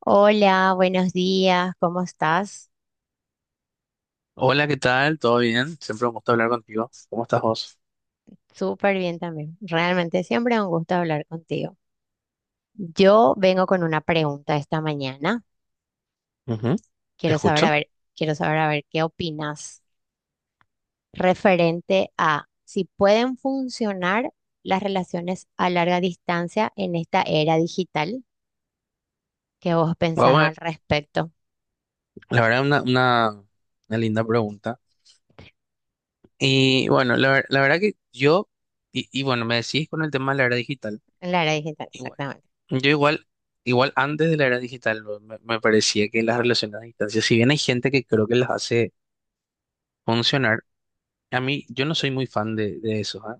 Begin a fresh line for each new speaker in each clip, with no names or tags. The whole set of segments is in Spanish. Hola, buenos días, ¿cómo estás?
Hola, ¿qué tal? ¿Todo bien? Siempre un gusto hablar contigo. ¿Cómo estás vos?
Súper bien también. Realmente siempre un gusto hablar contigo. Yo vengo con una pregunta esta mañana.
Ujú. Te
Quiero saber, a
escucho.
ver, quiero saber, a ver, qué opinas referente a si pueden funcionar las relaciones a larga distancia en esta era digital. ¿Qué vos pensás
Guau,
al respecto?
la verdad, una linda pregunta. Y bueno, la verdad que yo, y bueno, me decís con el tema de la era digital.
En la era digital,
Igual,
exactamente.
yo igual, igual antes de la era digital bro, me parecía que las relaciones a distancia, si bien hay gente que creo que las hace funcionar, a mí yo no soy muy fan de eso, ¿ah?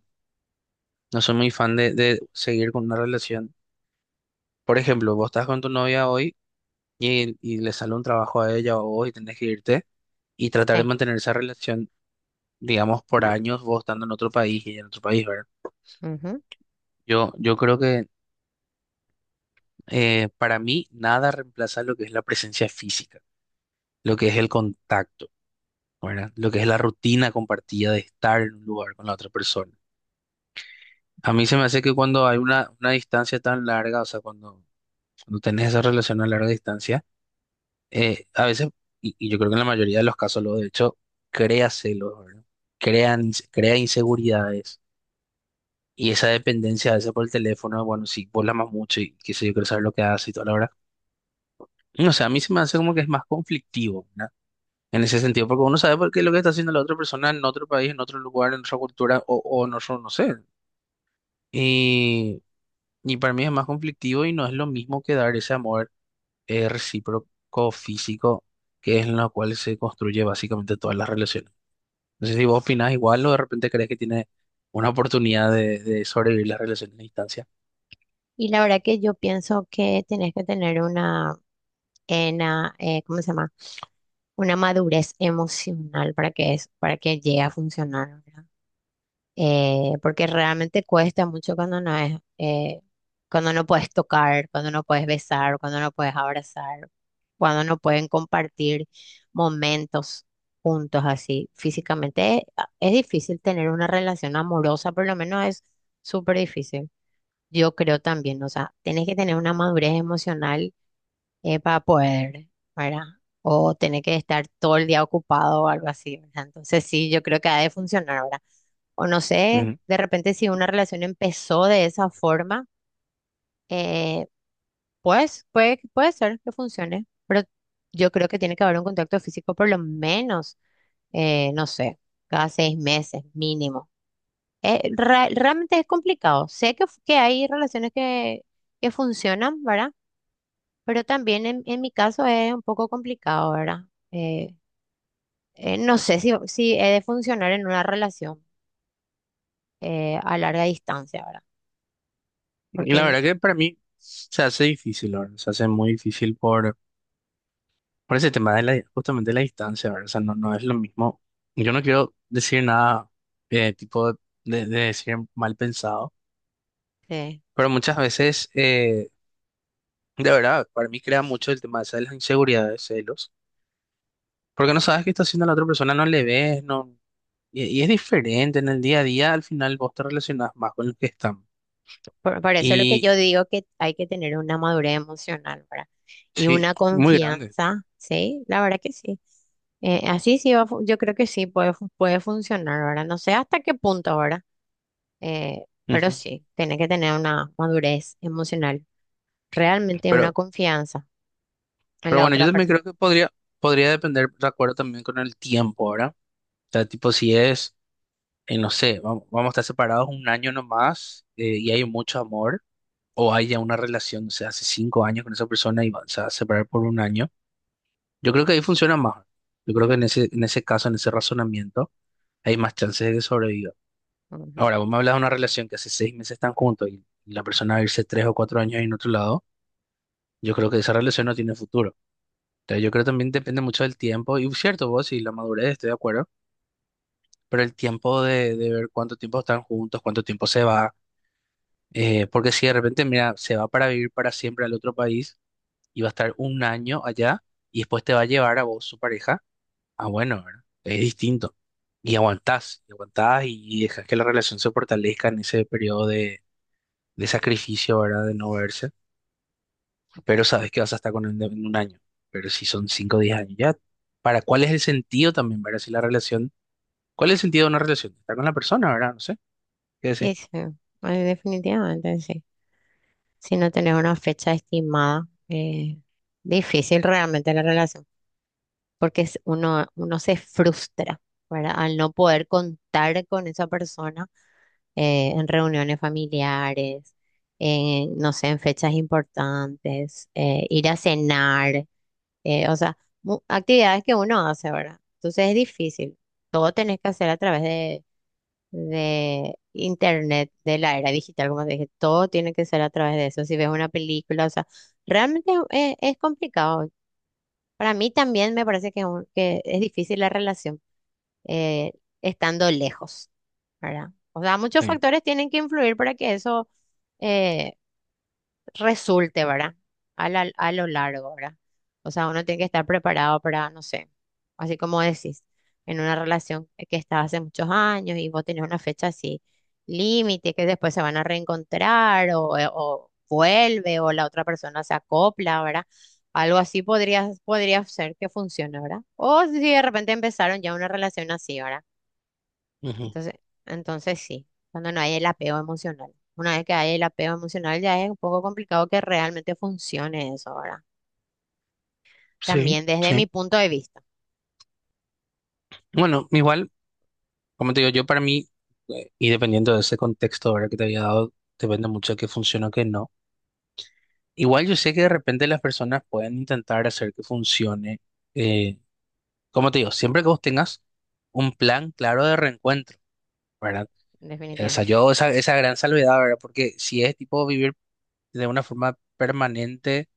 No soy muy fan de seguir con una relación. Por ejemplo, vos estás con tu novia hoy. Y y le sale un trabajo a ella o a vos y tenés que irte y tratar de
Sí,
mantener esa relación, digamos, por años, vos estando en otro país y ella en otro país, ¿verdad?
ujú.
Yo creo que para mí nada reemplaza lo que es la presencia física, lo que es el contacto, ¿verdad? Lo que es la rutina compartida de estar en un lugar con la otra persona. A mí se me hace que cuando hay una distancia tan larga, o sea, cuando tenés esa relación a larga distancia, a veces, y yo creo que en la mayoría de los casos, lo de hecho, crea celos, ¿verdad? Crea inseguridades. Y esa dependencia a veces por el teléfono, bueno, si vos la amas mucho y qué sé yo, quiero saber lo que hace y toda la hora. No sé, a mí se me hace como que es más conflictivo, ¿verdad? En ese sentido, porque uno sabe por qué lo que está haciendo la otra persona en otro país, en otro lugar, en otra cultura o en otro, no sé. Y, y para mí es más conflictivo y no es lo mismo que dar ese amor recíproco físico, que es en lo cual se construye básicamente todas las relaciones. No sé si vos opinás igual o de repente crees que tiene una oportunidad de sobrevivir las relaciones a distancia.
Y la verdad que yo pienso que tenés que tener una, en, ¿cómo se llama? Una madurez emocional para para que llegue a funcionar, ¿verdad? Porque realmente cuesta mucho cuando no es, cuando no puedes tocar, cuando no puedes besar, cuando no puedes abrazar, cuando no pueden compartir momentos juntos así físicamente. Es difícil tener una relación amorosa, por lo menos es súper difícil. Yo creo también, o sea, tienes que tener una madurez emocional para poder, ¿verdad? O tener que estar todo el día ocupado o algo así, ¿verdad? Entonces sí, yo creo que ha de funcionar, ¿verdad? O no sé,
Ujú.
de repente si una relación empezó de esa forma, eh, pues puede ser que funcione, pero yo creo que tiene que haber un contacto físico por lo menos, no sé, cada 6 meses mínimo. Realmente es complicado. Sé que hay relaciones que funcionan, ¿verdad? Pero también en mi caso es un poco complicado, ¿verdad? Eh, no sé si he de funcionar en una relación a larga distancia, ¿verdad?
Y
Porque
la
en-
verdad que para mí se hace difícil, ¿verdad? Se hace muy difícil por ese tema de la, justamente de la distancia, ¿verdad? O sea, no, no es lo mismo. Yo no quiero decir nada tipo de decir mal pensado,
eh,
pero muchas veces, de verdad, para mí crea mucho el tema ese de las inseguridades, celos. Porque no sabes qué está haciendo la otra persona, no le ves, no. Y y es diferente, en el día a día al final vos te relacionás más con los que están.
por eso lo que yo
Y
digo que hay que tener una madurez emocional, ¿verdad? Y
sí,
una
muy grande.
confianza, ¿sí? La verdad que sí. Así sí yo creo que sí puede funcionar, ¿verdad? No sé hasta qué punto ahora, pero
Ujú.
sí, tiene que tener una madurez emocional, realmente una
Pero,
confianza en
pero
la
bueno, yo
otra
también
persona.
creo que podría, podría depender, de acuerdo también con el tiempo, ¿verdad? O sea, tipo, si es, no sé, vamos a estar separados un año nomás, y hay mucho amor, o hay ya una relación, o sea, hace cinco años con esa persona y se va a separar por un año, yo creo que ahí funciona más. Yo creo que en ese caso, en ese razonamiento hay más chances de que sobreviva. Ahora, vos me hablas de una relación que hace seis meses están juntos y la persona va a irse tres o cuatro años en otro lado, yo creo que esa relación no tiene futuro. Entonces, yo creo que también depende mucho del tiempo, y cierto, vos y la madurez, estoy de acuerdo, pero el tiempo de ver cuánto tiempo están juntos, cuánto tiempo se va, porque si de repente, mira, se va para vivir para siempre al otro país y va a estar un año allá y después te va a llevar a vos, su pareja, ah, bueno, ¿verdad? Es distinto. Y aguantás, y aguantás y dejas que la relación se fortalezca en ese periodo de sacrificio, ¿verdad? De no verse, pero sabes que vas a estar con él en un año. Pero si son 5 o 10 años, ya, ¿para ¿cuál es el sentido también, ¿verdad? Si la relación, ¿cuál es el sentido de una relación? Estar con la persona, ¿verdad? No sé, ¿qué decir?
Y sí, definitivamente sí. Si no tenés una fecha estimada, difícil realmente la relación, uno, uno se frustra, ¿verdad? Al no poder contar con esa persona en reuniones familiares, en, no sé, en fechas importantes, ir a cenar, o sea, actividades que uno hace, ¿verdad? Entonces es difícil. Todo tenés que hacer a través de internet, de la era digital, como te dije, todo tiene que ser a través de eso. Si ves una película, o sea, realmente es complicado. Para mí también me parece que es difícil la relación eh, estando lejos, ¿verdad? O sea, muchos
Sí.
factores tienen que influir para que eso, eh, resulte, ¿verdad? A lo largo, ¿verdad? O sea, uno tiene que estar preparado para, no sé, así como decís, en una relación que está hace muchos años y vos tenés una fecha así, límite, que después se van a reencontrar o vuelve o la otra persona se acopla, ¿verdad? Algo así podría ser que funcione, ¿verdad? O si de repente empezaron ya una relación así, ¿verdad?
Ujú.
Entonces, entonces sí, cuando no hay el apego emocional. Una vez que hay el apego emocional, ya es un poco complicado que realmente funcione eso, ¿verdad?
Sí,
También desde
sí.
mi punto de vista,
Bueno, igual, como te digo, yo para mí, y dependiendo de ese contexto, ¿verdad? Que te había dado, depende mucho de qué funciona o qué no. Igual yo sé que de repente las personas pueden intentar hacer que funcione, eh, como te digo, siempre que vos tengas un plan claro de reencuentro. ¿Verdad? O sea,
definitivamente.
yo esa, esa gran salvedad, ¿verdad? Porque si es tipo vivir de una forma permanente,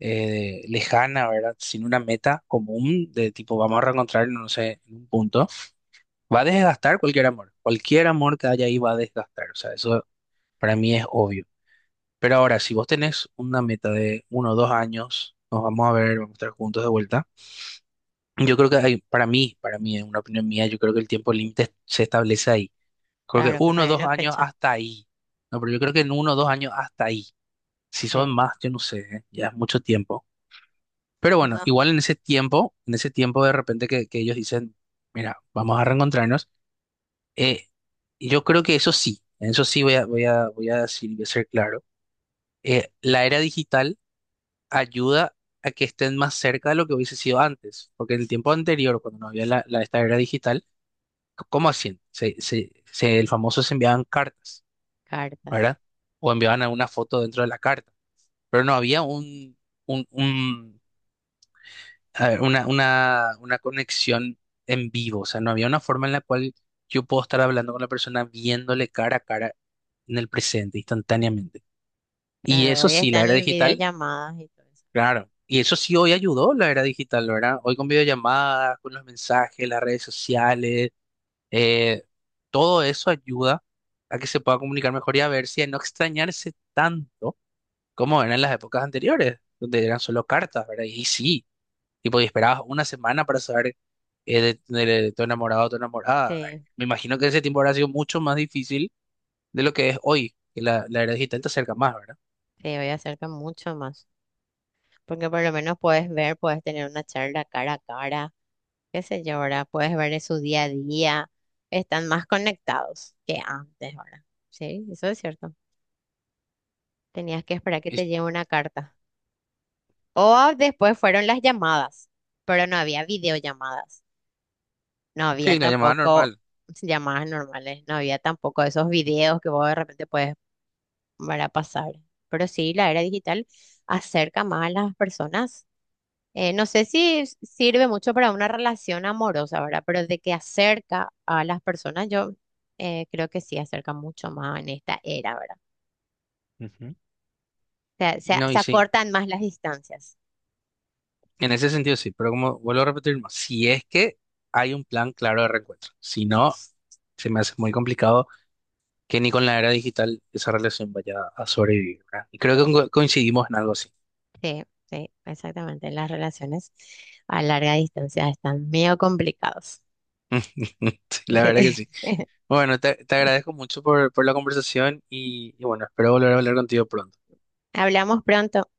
lejana, ¿verdad? Sin una meta común de tipo vamos a reencontrarnos, no sé, en un punto, va a desgastar cualquier amor. Cualquier amor que haya ahí va a desgastar. O sea, eso para mí es obvio. Pero ahora, si vos tenés una meta de uno o dos años, nos vamos a ver, vamos a estar juntos de vuelta. Yo creo que para mí, en una opinión mía, yo creo que el tiempo límite se establece ahí. Creo que
Claro, cuando
uno o
hay
dos
una
años
fecha.
hasta ahí. No, pero yo creo que en uno o dos años hasta ahí. Si son
Sí.
más, yo no sé, ¿eh? Ya es mucho tiempo. Pero bueno,
No,
igual en ese tiempo de repente que ellos dicen, mira, vamos a reencontrarnos, eh, yo creo que eso sí, en eso sí voy a, voy a decir, voy a ser claro, la era digital ayuda a que estén más cerca de lo que hubiese sido antes, porque en el tiempo anterior, cuando no había esta era digital, ¿cómo hacían? El famoso se enviaban cartas,
cartas.
¿verdad? O enviaban alguna foto dentro de la carta, pero no había un, un- a ver, una conexión en vivo, o sea, no había una forma en la cual yo puedo estar hablando con la persona viéndole cara a cara en el presente, instantáneamente. Y
Claro,
eso
hoy
sí, la
están
era
en
digital,
videollamadas y todo eso.
claro. Y eso sí hoy ayudó la era digital, ¿verdad? Hoy con videollamadas, con los mensajes, las redes sociales, eh, todo eso ayuda a que se pueda comunicar mejor y a ver si a no extrañarse tanto como eran las épocas anteriores, donde eran solo cartas, ¿verdad? Y sí, tipo, y esperabas una semana para saber, de, de tu enamorado o tu enamorada.
Sí,
Me imagino que ese tiempo habrá sido mucho más difícil de lo que es hoy, que la era digital te acerca más, ¿verdad?
sí, hoy acerca mucho más. Porque por lo menos puedes ver, puedes tener una charla cara a cara, qué sé yo, ¿verdad? Puedes ver de su día a día. Están más conectados que antes, ¿verdad? Sí, eso es cierto. Tenías que esperar que
Y
te llegue una carta. O después fueron las llamadas, pero no había videollamadas. No había
sí, la llamada
tampoco
normal.
llamadas normales. No había tampoco esos videos que vos de repente puedes ver a pasar. Pero sí, la era digital acerca más a las personas. No sé si sirve mucho para una relación amorosa, ¿verdad? Pero de que acerca a las personas, yo creo que sí acerca mucho más en esta era, ¿verdad?
Ujú.
O sea,
No,
se
y sí,
acortan más las distancias.
en ese sentido sí, pero como vuelvo a repetir, más, si es que hay un plan claro de reencuentro, si no, se me hace muy complicado que ni con la era digital esa relación vaya a sobrevivir, ¿verdad? Y creo que coincidimos en algo así.
Sí, sí, exactamente. Las relaciones a larga distancia están medio complicados.
Sí, la verdad que
Sí.
sí. Bueno, te agradezco mucho por la conversación y bueno, espero volver a hablar contigo pronto.
Hablamos pronto.